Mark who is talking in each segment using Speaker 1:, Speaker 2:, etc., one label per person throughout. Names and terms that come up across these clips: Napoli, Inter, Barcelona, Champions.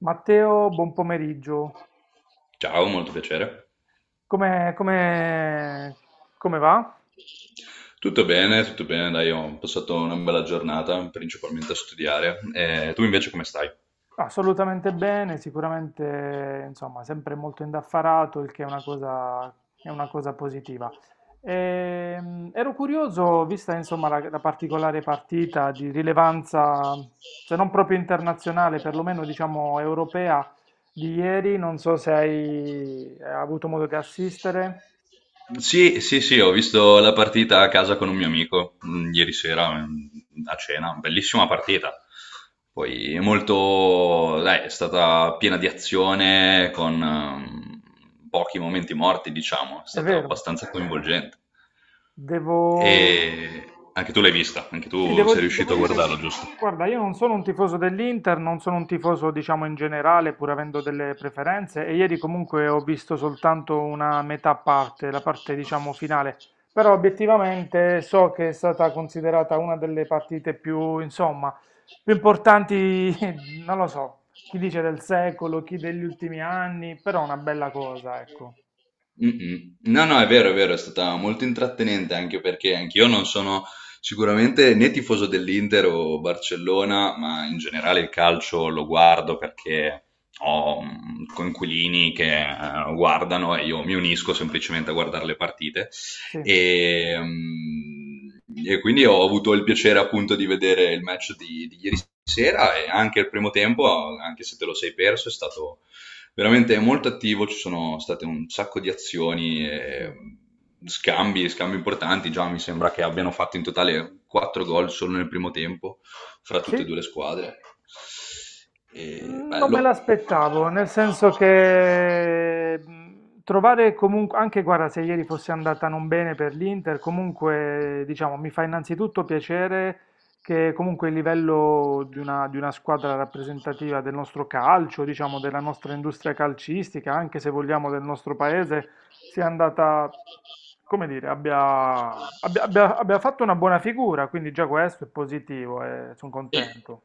Speaker 1: Matteo, buon pomeriggio.
Speaker 2: Ciao, molto piacere.
Speaker 1: Come, come- come va?
Speaker 2: Tutto bene, dai, ho passato una bella giornata, principalmente a studiare. E tu invece come stai?
Speaker 1: Assolutamente bene, sicuramente, insomma, sempre molto indaffarato, il che è una cosa positiva. Ero curioso, vista, insomma, la particolare partita di rilevanza, se non proprio internazionale, perlomeno, diciamo, europea di ieri, non so se hai avuto modo di assistere.
Speaker 2: Sì, sì, sì, ho visto la partita a casa con un mio amico ieri sera a cena, bellissima partita. Poi è molto, dai, è stata piena di azione con pochi momenti morti, diciamo, è
Speaker 1: È
Speaker 2: stata
Speaker 1: vero,
Speaker 2: abbastanza coinvolgente.
Speaker 1: devo...
Speaker 2: E anche tu l'hai vista, anche
Speaker 1: Sì,
Speaker 2: tu sei riuscito
Speaker 1: devo
Speaker 2: a
Speaker 1: dire,
Speaker 2: guardarlo, giusto?
Speaker 1: guarda, io non sono un tifoso dell'Inter, non sono un tifoso, diciamo, in generale, pur avendo delle preferenze, e ieri comunque ho visto soltanto una metà parte, la parte, diciamo, finale, però obiettivamente so che è stata considerata una delle partite più, insomma, più importanti, non lo so, chi dice del secolo, chi degli ultimi anni, però una bella cosa, ecco.
Speaker 2: Mm-mm. No, no, è vero, è vero, è stata molto intrattenente, anche perché anch'io non sono sicuramente né tifoso dell'Inter o Barcellona, ma in generale il calcio lo guardo perché ho coinquilini che guardano e io mi unisco semplicemente a guardare le partite.
Speaker 1: Sì,
Speaker 2: E, mm, e quindi ho avuto il piacere appunto di vedere il match di ieri sera e anche il primo tempo, anche se te lo sei perso. È stato veramente, è molto attivo, ci sono state un sacco di azioni
Speaker 1: sì.
Speaker 2: e scambi importanti. Già mi sembra che abbiano fatto in totale 4 gol solo nel primo tempo fra tutte e
Speaker 1: Sì?
Speaker 2: due le squadre. E
Speaker 1: Mm, non me
Speaker 2: bello.
Speaker 1: l'aspettavo, nel senso che trovare comunque, anche guarda, se ieri fosse andata non bene per l'Inter, comunque diciamo mi fa innanzitutto piacere che comunque il livello di una squadra rappresentativa del nostro calcio, diciamo della nostra industria calcistica, anche se vogliamo del nostro paese, sia andata, come dire, abbia fatto una buona figura, quindi già questo è positivo e sono
Speaker 2: Sì,
Speaker 1: contento.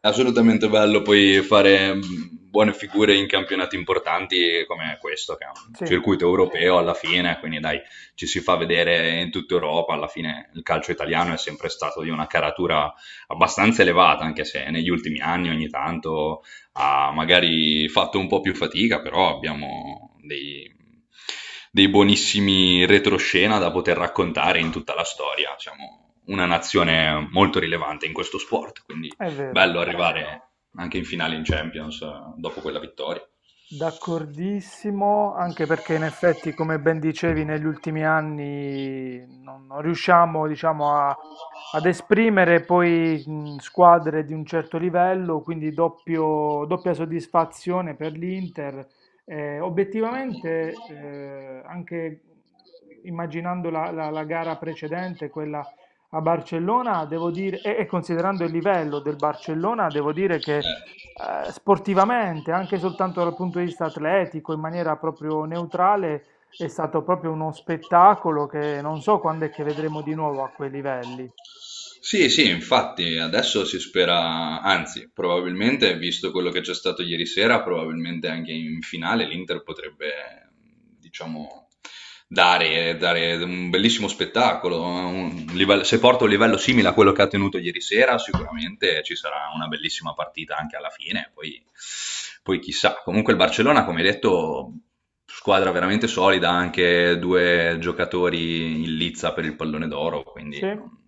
Speaker 2: assolutamente bello poi fare buone figure in campionati importanti come questo, che è un
Speaker 1: Sì,
Speaker 2: circuito europeo alla fine, quindi dai, ci si fa vedere in tutta Europa. Alla fine il calcio italiano è sempre stato di una caratura abbastanza elevata, anche se negli ultimi anni ogni tanto ha magari fatto un po' più fatica, però abbiamo dei buonissimi retroscena da poter raccontare in tutta la storia. Siamo una nazione molto rilevante in questo sport, quindi
Speaker 1: è vero.
Speaker 2: bello arrivare anche in finale in Champions, dopo quella vittoria.
Speaker 1: D'accordissimo, anche perché in effetti, come ben dicevi, negli ultimi anni non, non riusciamo, diciamo, a- ad esprimere poi squadre di un certo livello, quindi doppia soddisfazione per l'Inter. Obiettivamente, anche immaginando la gara precedente, quella a Barcellona, devo dire, e considerando il livello del Barcellona, devo dire che
Speaker 2: Eh,
Speaker 1: sportivamente, anche soltanto dal punto di vista atletico, in maniera proprio neutrale, è stato proprio uno spettacolo che non so quando è che vedremo di nuovo a quei livelli.
Speaker 2: Sì, sì, infatti adesso si spera, anzi, probabilmente, visto quello che c'è stato ieri sera, probabilmente anche in finale l'Inter potrebbe, diciamo, dare un bellissimo spettacolo. Se porta un livello simile a quello che ha tenuto ieri sera, sicuramente ci sarà una bellissima partita anche alla fine, poi, poi chissà. Comunque il Barcellona, come hai detto, squadra veramente solida, anche due giocatori in lizza per il pallone d'oro,
Speaker 1: Sì,
Speaker 2: quindi... Non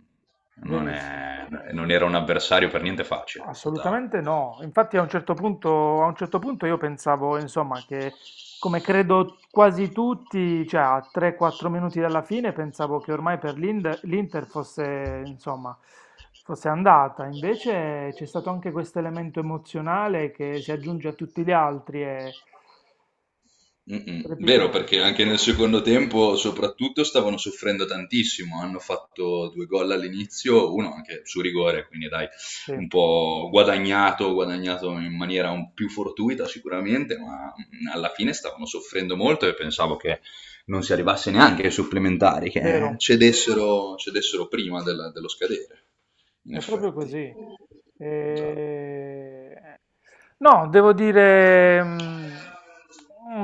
Speaker 2: non,
Speaker 1: verissimo.
Speaker 2: è- non era un avversario per niente facile. È stata...
Speaker 1: Assolutamente no. Infatti a un certo punto, A un certo punto io pensavo, insomma, che come credo quasi tutti, cioè a 3-4 minuti dalla fine, pensavo che ormai per l'Inter fosse, insomma, fosse andata. Invece c'è stato anche questo elemento emozionale che si aggiunge a tutti gli altri, è
Speaker 2: Mm-mm. Vero,
Speaker 1: strepitoso.
Speaker 2: perché anche nel secondo tempo, soprattutto, stavano soffrendo tantissimo. Hanno fatto due gol all'inizio, uno anche su rigore, quindi dai,
Speaker 1: Sì,
Speaker 2: un po' guadagnato in maniera un più fortuita sicuramente, ma alla fine stavano soffrendo molto e pensavo che non si arrivasse neanche ai supplementari, che
Speaker 1: vero,
Speaker 2: cedessero prima della- dello scadere, in
Speaker 1: è proprio
Speaker 2: effetti.
Speaker 1: così.
Speaker 2: Già.
Speaker 1: E- No, devo dire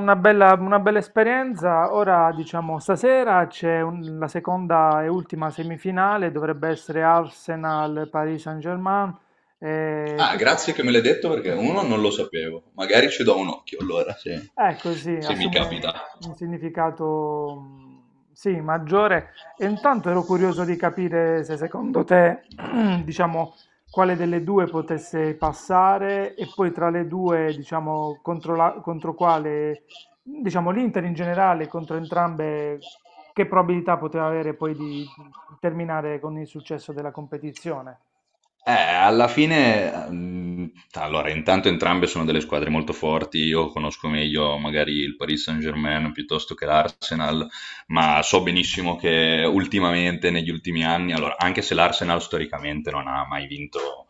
Speaker 1: una bella esperienza. Ora, diciamo, stasera la seconda e ultima semifinale, dovrebbe essere Arsenal-Paris Saint-Germain. E
Speaker 2: Ah,
Speaker 1: tutto...
Speaker 2: grazie che me l'hai detto, perché uno non lo sapevo. Magari ci do un occhio allora, se,
Speaker 1: È così,
Speaker 2: se mi
Speaker 1: assume
Speaker 2: capita.
Speaker 1: un significato sì, maggiore. E intanto ero curioso di capire se secondo te, diciamo, quale delle due potesse passare e poi tra le due, diciamo, contro, contro quale, diciamo, l'Inter in generale, contro entrambe, che probabilità poteva avere poi di terminare con il successo della competizione?
Speaker 2: Eh, alla fine, mm, allora, intanto entrambe sono delle squadre molto forti. Io conosco meglio magari il Paris Saint-Germain piuttosto che l'Arsenal, ma so benissimo che ultimamente, negli ultimi anni, allora, anche se l'Arsenal storicamente non ha mai vinto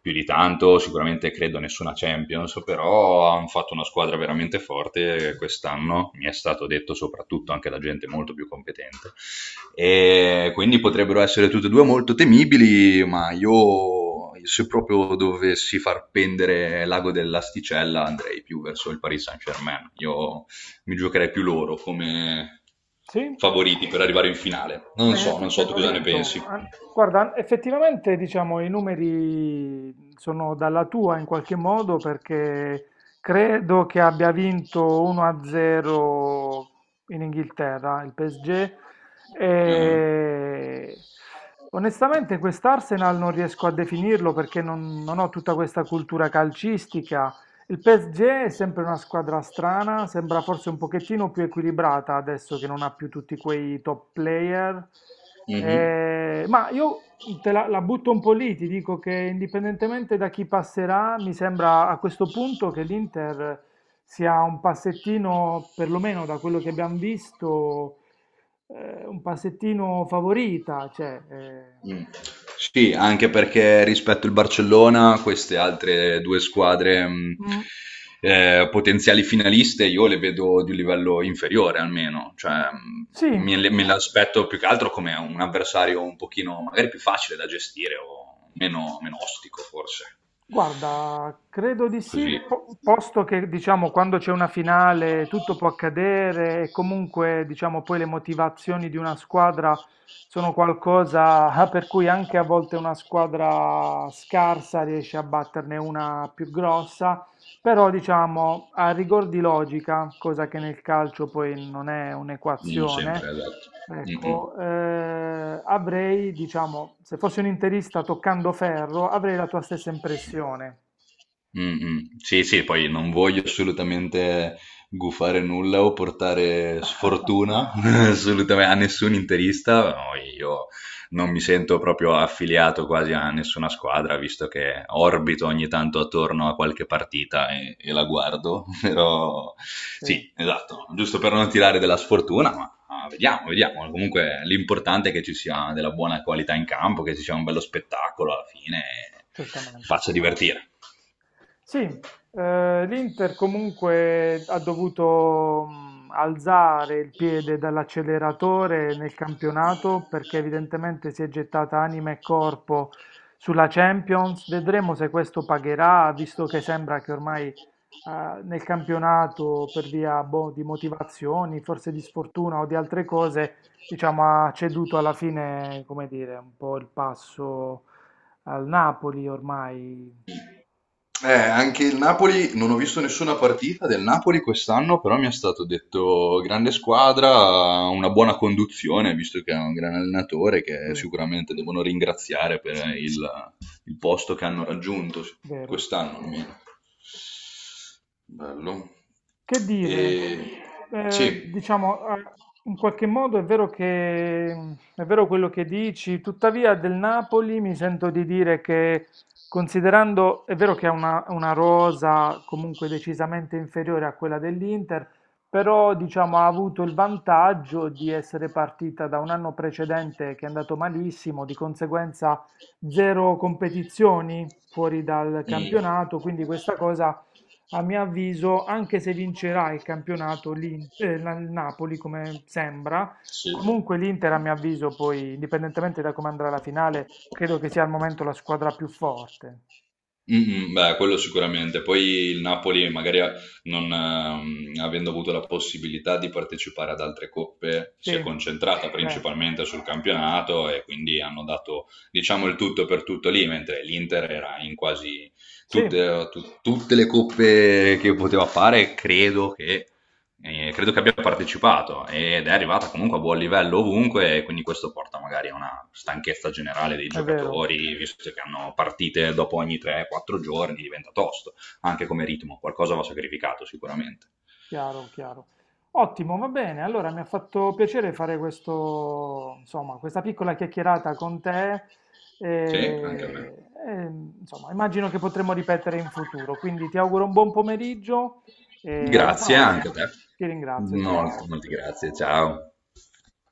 Speaker 2: più di tanto, sicuramente credo nessuna Champions, però hanno fatto una squadra veramente forte quest'anno, mi è stato detto, soprattutto anche da gente molto più competente, e quindi potrebbero essere tutte e due molto temibili, ma io, se proprio dovessi far pendere l'ago dell'asticella, andrei più verso il Paris Saint-Germain. Io mi giocherei più loro come
Speaker 1: Sì?
Speaker 2: favoriti per arrivare in finale. Non
Speaker 1: Beh, in
Speaker 2: so, non
Speaker 1: effetti
Speaker 2: so tu
Speaker 1: hanno
Speaker 2: cosa ne
Speaker 1: vinto.
Speaker 2: pensi.
Speaker 1: Han- Guarda, effettivamente diciamo i numeri sono dalla tua in qualche modo perché credo che abbia vinto 1-0 in Inghilterra il PSG
Speaker 2: Ah.
Speaker 1: e onestamente quest'Arsenal non riesco a definirlo perché non, non ho tutta questa cultura calcistica, il PSG è sempre una squadra strana, sembra forse un pochettino più equilibrata adesso che non ha più tutti quei top player.
Speaker 2: Mhm.
Speaker 1: Ma io la butto un po' lì, ti dico che indipendentemente da chi passerà, mi sembra a questo punto che l'Inter sia un passettino, perlomeno da quello che abbiamo visto, un passettino favorita,
Speaker 2: Mm. Sì, anche perché rispetto al Barcellona, queste altre due squadre
Speaker 1: mm,
Speaker 2: potenziali finaliste, io le vedo di un livello inferiore almeno, cioè,
Speaker 1: sì.
Speaker 2: me l'aspetto più che altro come un avversario un pochino magari più facile da gestire o meno, meno ostico forse,
Speaker 1: Guarda, credo di sì,
Speaker 2: così.
Speaker 1: posto che diciamo quando c'è una finale tutto può accadere e comunque diciamo poi le motivazioni di una squadra sono qualcosa per cui anche a volte una squadra scarsa riesce a batterne una più grossa, però diciamo a rigor di logica, cosa che nel calcio poi non è
Speaker 2: Non
Speaker 1: un'equazione.
Speaker 2: sempre, esatto. Mm-mm.
Speaker 1: Ecco, eh, Avrei, diciamo, se fossi un interista toccando ferro, avrei la tua stessa impressione.
Speaker 2: Mm, mm. Sì, sì, poi non voglio assolutamente gufare nulla o portare sfortuna assolutamente a nessun interista. No, io non mi sento proprio affiliato quasi a nessuna squadra, visto che orbito ogni tanto attorno a qualche partita e la guardo. Però
Speaker 1: Sì,
Speaker 2: sì, esatto, giusto per non tirare della sfortuna, ma vediamo, vediamo. Comunque l'importante è che ci sia della buona qualità in campo, che ci sia un bello spettacolo alla fine e che
Speaker 1: certamente.
Speaker 2: faccia divertire.
Speaker 1: Sì, l'Inter comunque ha dovuto alzare il piede dall'acceleratore nel campionato perché evidentemente si è gettata anima e corpo sulla Champions. Vedremo se questo pagherà, visto che sembra che ormai nel campionato, per via boh, di motivazioni, forse di sfortuna o di altre cose, diciamo, ha ceduto alla fine, come dire, un po' il passo al Napoli ormai.
Speaker 2: Anche il Napoli, non ho visto nessuna partita del Napoli quest'anno, però mi è stato detto grande squadra, una buona conduzione, visto che è un gran allenatore che
Speaker 1: Sì,
Speaker 2: sicuramente devono ringraziare per il posto che hanno raggiunto
Speaker 1: vero.
Speaker 2: quest'anno almeno. Bello.
Speaker 1: Che dire?
Speaker 2: E...
Speaker 1: Eh,
Speaker 2: Sì.
Speaker 1: diciamo, eh, In qualche modo è vero che, è vero quello che dici, tuttavia del Napoli mi sento di dire che, considerando, è vero che è una rosa comunque decisamente inferiore a quella dell'Inter, però diciamo ha avuto il vantaggio di essere partita da un anno precedente che è andato malissimo, di conseguenza zero competizioni fuori dal
Speaker 2: Mm,
Speaker 1: campionato, quindi questa cosa a mio avviso, anche se vincerà il campionato il Napoli, come sembra,
Speaker 2: sì.
Speaker 1: comunque l'Inter, a mio avviso, poi, indipendentemente da come andrà la finale, credo che sia al momento la squadra più forte.
Speaker 2: Mm, mm, beh, quello sicuramente. Poi il Napoli, magari a- non, avendo avuto la possibilità di partecipare ad altre coppe, si è
Speaker 1: Sì,
Speaker 2: concentrata
Speaker 1: beh,
Speaker 2: principalmente sul campionato e quindi hanno dato, diciamo, il tutto per tutto lì, mentre l'Inter era in quasi
Speaker 1: sì,
Speaker 2: tutte le coppe che poteva fare. Credo che abbia partecipato ed è arrivata comunque a buon livello ovunque, e quindi questo porta magari a una stanchezza generale dei
Speaker 1: è vero.
Speaker 2: giocatori, visto che hanno partite dopo ogni 3-4 giorni, diventa tosto, anche come ritmo. Qualcosa va sacrificato sicuramente.
Speaker 1: Chiaro, chiaro. Ottimo, va bene. Allora mi ha fatto piacere fare questo, insomma, questa piccola chiacchierata con te.
Speaker 2: Sì,
Speaker 1: E,
Speaker 2: anche a me.
Speaker 1: e, insomma, immagino che potremo ripetere in futuro. Quindi ti auguro un buon pomeriggio e alla Grazie.
Speaker 2: Grazie anche a
Speaker 1: Prossima.
Speaker 2: te.
Speaker 1: Ti ringrazio,
Speaker 2: Molto,
Speaker 1: ciao.
Speaker 2: molti grazie, ciao.